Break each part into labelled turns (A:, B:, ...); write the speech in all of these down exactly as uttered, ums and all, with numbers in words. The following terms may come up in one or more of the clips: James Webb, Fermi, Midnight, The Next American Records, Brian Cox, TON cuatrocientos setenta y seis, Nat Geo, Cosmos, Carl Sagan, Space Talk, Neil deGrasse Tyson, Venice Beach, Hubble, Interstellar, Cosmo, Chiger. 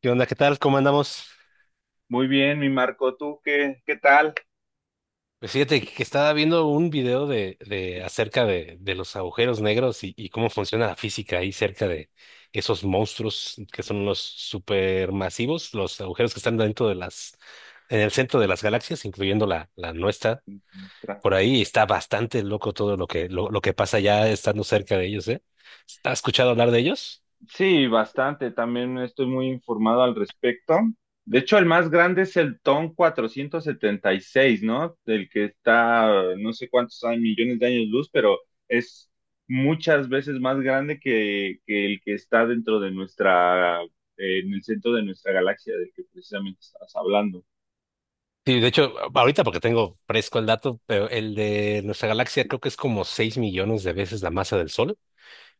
A: ¿Qué onda? ¿Qué tal? ¿Cómo andamos?
B: Muy bien, mi Marco, ¿tú qué, qué tal?
A: Pues fíjate que estaba viendo un video de, de acerca de, de los agujeros negros y, y cómo funciona la física ahí cerca de esos monstruos que son los supermasivos, los agujeros que están dentro de las, en el centro de las galaxias, incluyendo la, la nuestra.
B: Nuestra-
A: Por ahí está bastante loco todo lo que, lo, lo que pasa ya estando cerca de ellos, ¿eh? ¿Has escuchado hablar de ellos?
B: Sí, bastante, también estoy muy informado al respecto. De hecho, el más grande es el T O N cuatrocientos setenta y seis, ¿no? Del que está, eh, no sé cuántos hay, millones de años luz, pero es muchas veces más grande que, que el que está dentro de nuestra, eh, en el centro de nuestra galaxia, del que precisamente estabas hablando.
A: Sí, de hecho, ahorita porque tengo fresco el dato, pero el de nuestra galaxia creo que es como seis millones de veces la masa del Sol.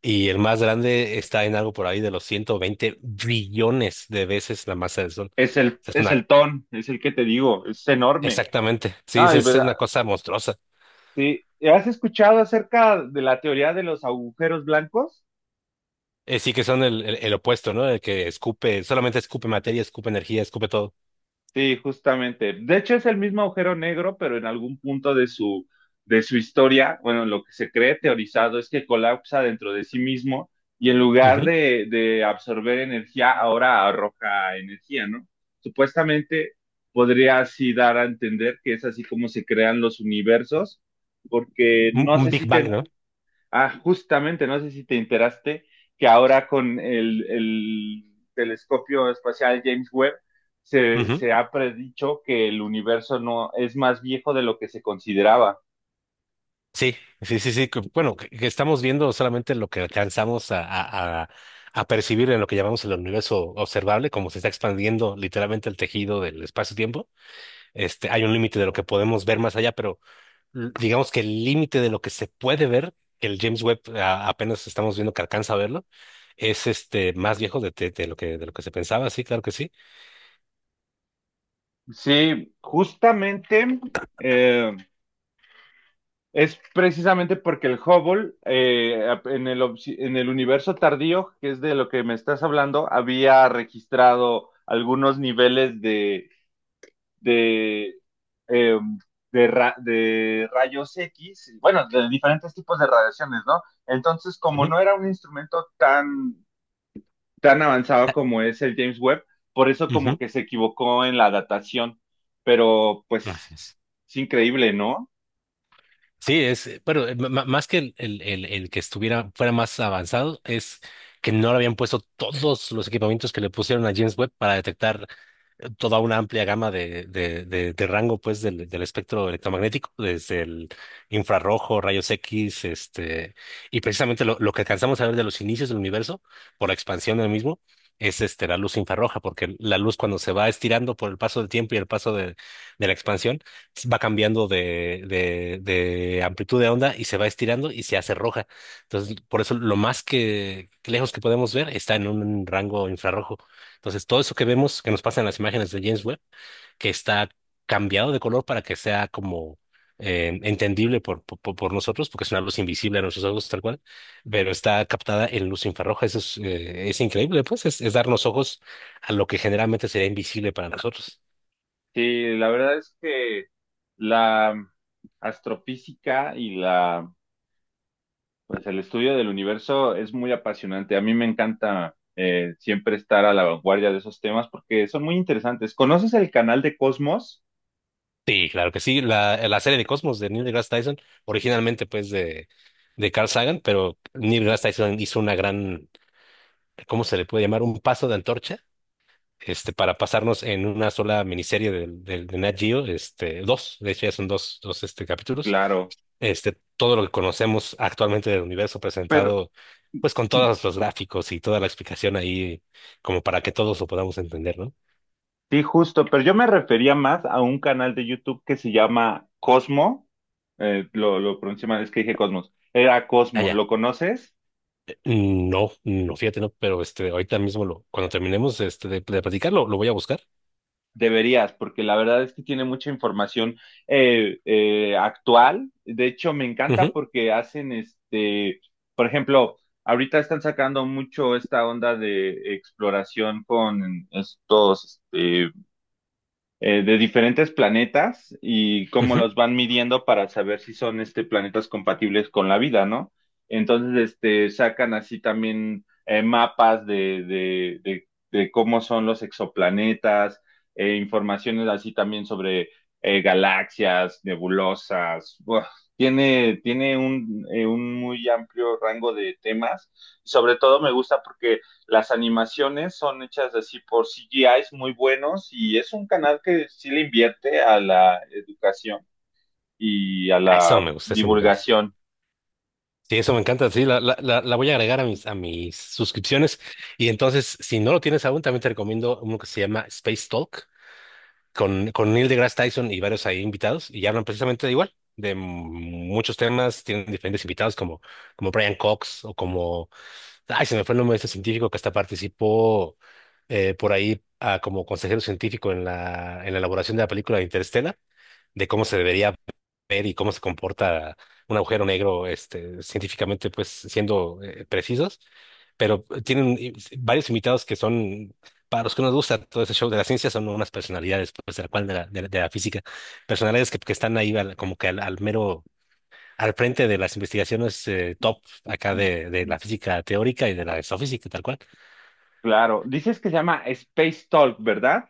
A: Y el más grande está en algo por ahí de los ciento veinte billones de veces la masa del Sol. O
B: Es el,
A: sea, es
B: es
A: una.
B: el T O N, es el que te digo, es enorme.
A: Exactamente, sí, es,
B: Ah, y
A: es
B: verdad.
A: una cosa monstruosa.
B: Sí, ¿has escuchado acerca de la teoría de los agujeros blancos?
A: Eh, sí que son el, el- el opuesto, ¿no? El que escupe, solamente escupe materia, escupe energía, escupe todo.
B: Sí, justamente. De hecho, es el mismo agujero negro, pero en algún punto de su, de su historia, bueno, lo que se cree teorizado es que colapsa dentro de sí mismo y en lugar
A: Ujú.
B: de, de absorber energía, ahora arroja energía, ¿no? Supuestamente podría así dar a entender que es así como se crean los universos, porque
A: Un,
B: no
A: un
B: sé si
A: Big Bang,
B: te.
A: ¿no?
B: Ah, justamente, no sé si te enteraste que ahora con el, el telescopio espacial James Webb se,
A: Ujú.
B: se ha predicho que el universo no es más viejo de lo que se consideraba.
A: Sí, sí, sí, sí. que- Bueno, que, que estamos viendo solamente lo que alcanzamos a, a, a- a percibir en lo que llamamos el universo observable, como se está expandiendo literalmente el tejido del espacio-tiempo. Este, hay un límite de lo que podemos ver más allá, l- digamos que el límite de lo que se puede ver, que el James Webb a- apenas estamos viendo que alcanza a verlo, es este más viejo de, de- de lo que de lo que se pensaba, sí, claro que sí.
B: Sí, justamente, eh, es precisamente porque el Hubble, eh, en el, obs- en el universo tardío, que es de lo que me estás hablando, había registrado algunos niveles de, eh, de, ra- de rayos equis, bueno, de diferentes tipos de radiaciones, ¿no? Entonces, como
A: Ujú.
B: no era un instrumento tan, tan avanzado
A: Ah,
B: como es el James Webb, por eso como
A: ujú.
B: que se equivocó en la datación, pero pues
A: Gracias.
B: es increíble, ¿no?
A: Sí, es, eh, bueno, eh, ma- ma- más que el, el, el, el que estuviera, fuera más avanzado, es que no le habían puesto todos los equipamientos que le pusieron a James Webb para detectar toda una amplia gama de, de, de, de rango pues del, del espectro electromagnético, desde el infrarrojo, rayos X, este, y precisamente lo, lo que alcanzamos a ver de los inicios del universo, por la expansión del mismo, es este, la luz infrarroja, porque la luz cuando se va estirando por el paso del tiempo y el paso de, de la expansión, va cambiando de, de, de amplitud de onda y se va estirando y se hace roja. Entonces, por eso lo más que, que lejos que podemos ver está en un rango infrarrojo. Entonces, todo eso que vemos, que nos pasa en las imágenes de James Webb, que está cambiado de color para que sea como eh, entendible por, por, por por nosotros, porque es una luz invisible a nuestros ojos tal cual, pero está captada en luz infrarroja. Eso es, eh, es increíble, pues, es, es darnos ojos a lo que generalmente sería invisible para nosotros.
B: Sí, la verdad es que la astrofísica y la pues el estudio del universo es muy apasionante. A mí me encanta, eh, siempre estar a la vanguardia de esos temas porque son muy interesantes. ¿Conoces el canal de Cosmos?
A: Sí, claro que sí. La, la serie de Cosmos de Neil deGrasse Tyson, originalmente pues de, de Carl Sagan, pero Neil deGrasse Tyson hizo una gran, ¿cómo se le puede llamar? Un paso de antorcha este, para pasarnos en una sola miniserie del del- de Nat Geo, este, dos, de hecho ya son dos, dos este, capítulos,
B: Claro,
A: este, todo lo que conocemos actualmente del universo
B: pero
A: presentado, pues con todos los gráficos y toda la explicación ahí, como para que todos lo podamos entender, ¿no?
B: sí, justo, pero yo me refería más a un canal de YouTube que se llama Cosmo. Eh, lo, lo pronuncié mal, es que dije Cosmos. Era Cosmo,
A: Allá.
B: ¿lo conoces?
A: No, no, fíjate, no, pero este, ahorita mismo, lo, cuando terminemos este, de, de platicar, lo, lo voy a buscar.
B: Deberías, porque la verdad es que tiene mucha información, eh, eh, actual. De hecho, me encanta
A: Ujú,
B: porque hacen este, por ejemplo, ahorita están sacando mucho esta onda de exploración con estos, este, eh, de diferentes planetas y cómo
A: ujú.
B: los van midiendo para saber si son este, planetas compatibles con la vida, ¿no? Entonces, este, sacan así también, eh, mapas de, de, de- de cómo son los exoplanetas, eh, informaciones así también sobre eh, galaxias, nebulosas. Buah, tiene, tiene un, eh, un muy amplio rango de temas. Sobre todo me gusta porque las animaciones son hechas así por C G Is muy buenos y es un canal que sí le invierte a la educación y a
A: Ah, eso
B: la
A: me gusta, eso me encanta.
B: divulgación.
A: Sí, eso me encanta. Sí, la, la, la, la voy a agregar a mis, a mis suscripciones. Y entonces, si no lo tienes aún, también te recomiendo uno que se llama Space Talk con, con Neil deGrasse Tyson y varios ahí invitados. Y hablan precisamente de igual, de muchos temas. Tienen diferentes invitados como, como Brian Cox o como, ay, se me fue el nombre de este científico que hasta participó eh, por ahí ah, como consejero científico en la, en la elaboración de la película de Interstellar, de cómo se debería ver y cómo se comporta un agujero negro, este, científicamente, pues siendo eh, precisos, pero tienen eh, varios invitados que son, para los que nos gusta todo ese show de la ciencia, son unas personalidades, pues de la cual de la, de la, de la física, personalidades que, que están ahí al- como que al, al mero, al frente de las investigaciones eh, top acá de, de la física teórica y de la exofísica, tal cual.
B: Claro, dices que se llama Space Talk, ¿verdad?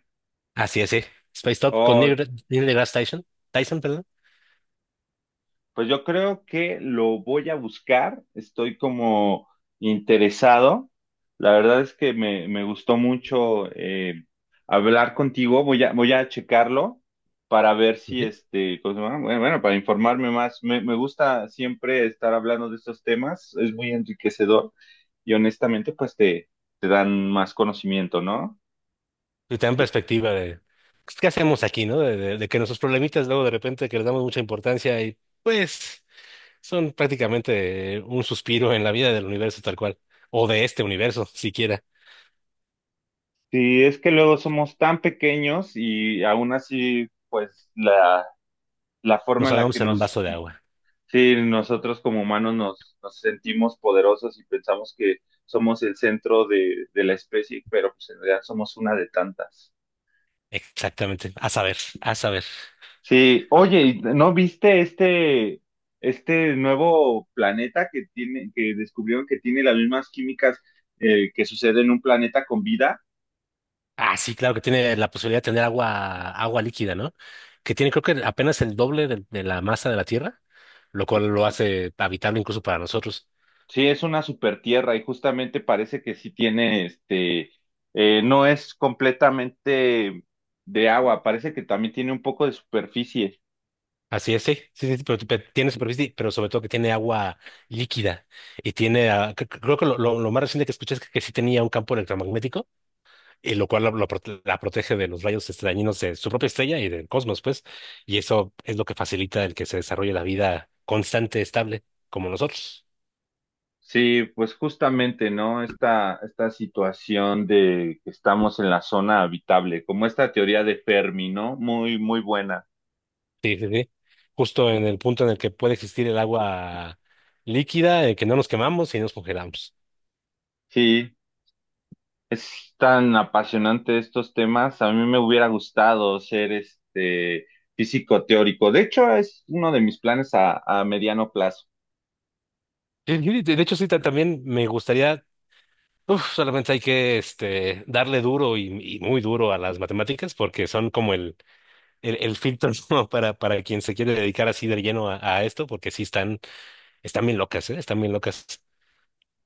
A: Así es, sí. Space Talk con Neil, Neil deGrasse Tyson, Tyson, perdón.
B: Pues yo creo que lo voy a buscar, estoy como interesado. La verdad es que me, me gustó mucho, eh, hablar contigo. Voy a, voy a checarlo para ver si este, ¿cómo se llama? Bueno, bueno, para informarme más. Me, me gusta siempre estar hablando de estos temas, es muy enriquecedor y honestamente pues te, te dan más conocimiento, ¿no?
A: Y también perspectiva de pues, qué hacemos aquí, ¿no? De, de- de que nuestros problemitas luego de repente que les damos mucha importancia y pues son prácticamente un suspiro en la vida del universo tal cual, o de este universo siquiera.
B: Sí, es que luego somos tan pequeños y aún así pues la la forma
A: Nos
B: en la que
A: ahogamos en un vaso
B: nos.
A: de agua.
B: Sí, nosotros como humanos nos, nos sentimos poderosos y pensamos que somos el centro de, de la especie, pero pues en realidad somos una de tantas.
A: Exactamente. A saber, a saber.
B: Sí, oye, ¿y no viste este, este nuevo planeta que tiene, que descubrieron que tiene las mismas químicas, eh, que sucede en un planeta con vida?
A: Ah, sí, claro que tiene la posibilidad de tener agua, agua líquida, ¿no? Que tiene creo que apenas el doble de, de la masa de la Tierra, lo cual lo hace habitable incluso para nosotros.
B: Sí, es una supertierra y justamente parece que sí tiene este, eh, no es completamente de agua, parece que también tiene un poco de superficie.
A: Así es, sí, sí, sí, pero, pero tiene superficie, pero sobre todo que tiene agua líquida y tiene, ah, cre- cre- creo que lo, lo- lo más reciente que escuché es que, que sí tenía un campo electromagnético, y lo cual la, lo prote- la protege de los rayos este, dañinos de su propia estrella y del cosmos, pues, y eso es lo que facilita el que se desarrolle la vida constante, estable, como nosotros.
B: Sí, pues justamente, ¿no? Esta, esta situación de que estamos en la zona habitable, como esta teoría de Fermi, ¿no? Muy, muy buena.
A: Sí, sí, sí. Justo en el punto en el que puede existir el agua líquida, en que no nos quemamos y no nos congelamos.
B: Sí, es tan apasionante estos temas. A mí me hubiera gustado ser este físico teórico. De hecho, es uno de mis planes a, a mediano plazo.
A: Sí, sí, De de hecho, sí, ta- también me gustaría. Uf, solamente hay que este, darle duro y, y muy duro a las matemáticas porque son como el, el, el filtro ¿no? para, para quien se quiere dedicar así de lleno a, a esto, porque sí están, están, bien locas, ¿eh? Están bien locas.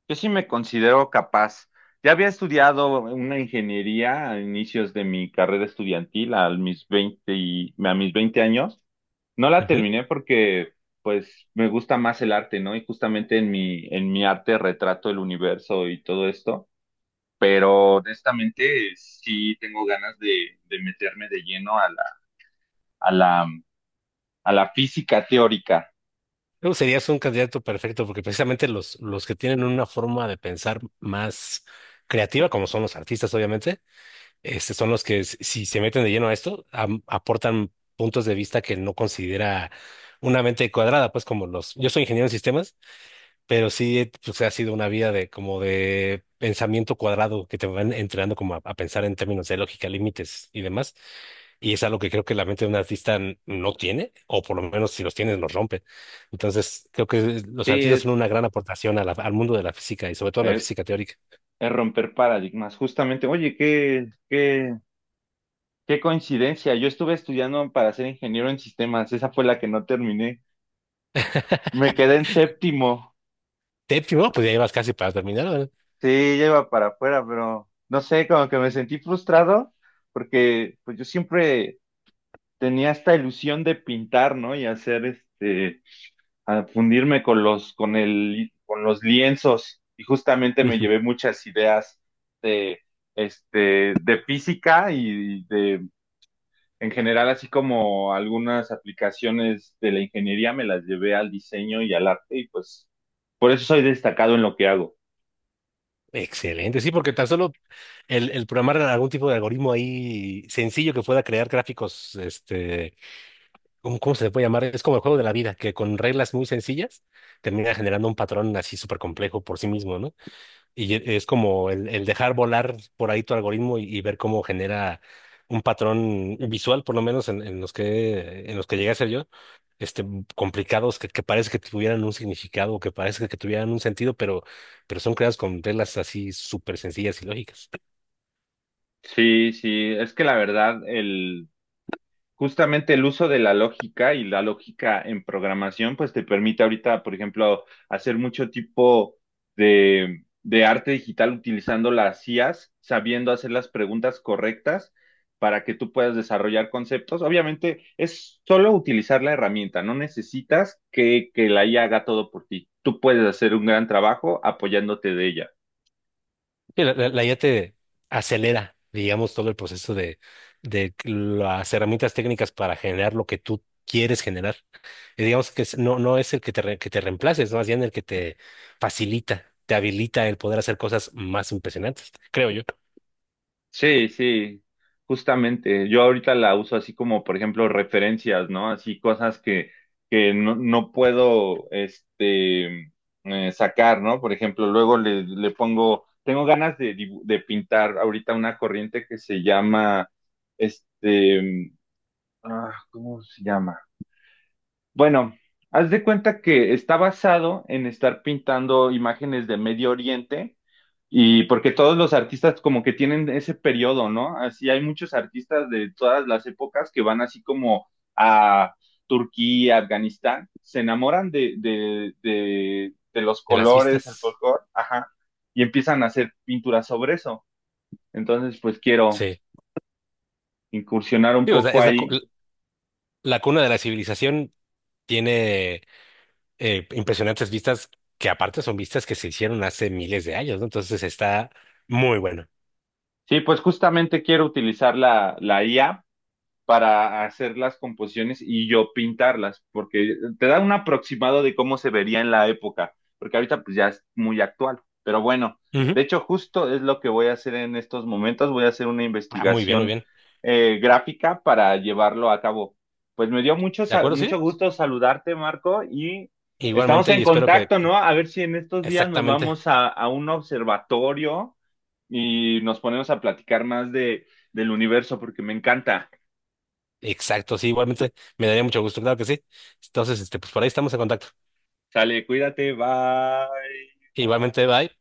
B: Yo sí me considero capaz. Ya había estudiado una ingeniería a inicios de mi carrera estudiantil, a mis veinte y- a mis veinte años. No la
A: Ujú.
B: terminé porque, pues, me gusta más el arte, ¿no? Y justamente en mi, en mi arte retrato el universo y todo esto, pero honestamente sí tengo ganas de, de meterme de lleno a la, a la, a la física teórica.
A: Tú serías un candidato perfecto porque precisamente los, los que tienen una forma de pensar más creativa, como son los artistas, obviamente, este, son los que s- si se meten de lleno a esto, am- aportan puntos de vista que no considera una mente cuadrada, pues como los, yo soy ingeniero en sistemas. Pero sí, eh, pues ha sido una vida de como de pensamiento cuadrado que te van entrenando como a, a pensar en términos de lógica, límites y demás. Y es algo que creo que la mente de un artista n- no tiene, o por lo menos si los tiene, los rompe. Entonces, creo que los
B: Sí,
A: artistas son
B: es,
A: una gran aportación a la- al mundo de la física y sobre todo a la
B: es,
A: física teórica.
B: es romper paradigmas. Justamente, oye, qué, qué, qué coincidencia. Yo estuve estudiando para ser ingeniero en sistemas, esa fue la que no terminé. Me quedé en séptimo.
A: Te primero, pues ya ibas casi para terminar, ¿verdad?
B: Sí, ya iba para afuera, pero no sé, como que me sentí frustrado porque pues yo siempre tenía esta ilusión de pintar, ¿no? Y hacer este, a fundirme con los, con el, con los lienzos. Y justamente me
A: Ujú.
B: llevé muchas ideas de, este, de física y de, en general, así como algunas aplicaciones de la ingeniería, me las llevé al diseño y al arte y pues por eso soy destacado en lo que hago.
A: Excelente, sí, porque tan solo el, el programar algún tipo de algoritmo ahí sencillo que pueda crear gráficos, este. ¿Cómo, cómo se le puede llamar? Es como el juego de la vida, que con reglas muy sencillas termina generando un patrón así súper complejo por sí mismo, ¿no? Y e- es como el, el dejar volar por ahí tu algoritmo y, y ver cómo genera un patrón visual, por lo menos en, en los que, en los que llegué a ser yo, este, complicados, que, que parece que tuvieran un significado, que parece que tuvieran un sentido, pero, pero son creados con reglas así súper sencillas y lógicas.
B: Sí, sí, es que la verdad, el, justamente el uso de la lógica y la lógica en programación, pues te permite ahorita, por ejemplo, hacer mucho tipo de, de arte digital utilizando las I As, sabiendo hacer las preguntas correctas para que tú puedas desarrollar conceptos. Obviamente, es solo utilizar la herramienta, no necesitas que, que la I A haga todo por ti. Tú puedes hacer un gran trabajo apoyándote de ella.
A: Sí, la, la- la I A te acelera, digamos, todo el proceso de, de las herramientas técnicas para generar lo que tú quieres generar. Y digamos que es- no, no es el que te, re- que te reemplace, es más bien el que te facilita, te habilita el poder hacer cosas más impresionantes, creo yo,
B: Sí, sí, justamente. Yo ahorita la uso así como, por ejemplo, referencias, ¿no? Así cosas que, que no, no puedo, este, eh, sacar, ¿no? Por ejemplo, luego le, le pongo, tengo ganas de, dibu- de pintar ahorita una corriente que se llama, este, ah, ¿cómo se llama? Bueno, haz de cuenta que está basado en estar pintando imágenes de Medio Oriente y porque todos los artistas como que tienen ese periodo, ¿no? Así hay muchos artistas de todas las épocas que van así como a Turquía, Afganistán, se enamoran de, de, de, de los
A: en las
B: colores, el
A: vistas.
B: folclore, ajá, y empiezan a hacer pinturas sobre eso. Entonces, pues quiero
A: Sí.
B: incursionar un
A: Sí, o sea,
B: poco
A: es la, cu-
B: ahí.
A: la cuna de la civilización tiene eh, impresionantes vistas que aparte son vistas que se hicieron hace miles de años, ¿no? Entonces está muy bueno.
B: Sí, pues justamente quiero utilizar la, la I A para hacer las composiciones y yo pintarlas, porque te da un aproximado de cómo se vería en la época, porque ahorita pues ya es muy actual. Pero bueno,
A: Ujú.
B: de hecho justo es lo que voy a hacer en estos momentos, voy a hacer una
A: Ah, muy bien, muy
B: investigación,
A: bien.
B: eh, gráfica para llevarlo a cabo. Pues me dio mucho,
A: ¿De
B: sa-
A: acuerdo? Sí.
B: mucho gusto saludarte, Marco, y estamos
A: Igualmente,
B: en
A: y espero que,
B: contacto, ¿no? A ver si en estos días nos
A: exactamente,
B: vamos a, a un observatorio y nos ponemos a platicar más de, del universo, porque me encanta.
A: exacto, sí, igualmente me daría mucho gusto, claro que sí. Entonces, este, pues por ahí estamos en contacto.
B: Sale, cuídate, bye.
A: Igualmente, bye.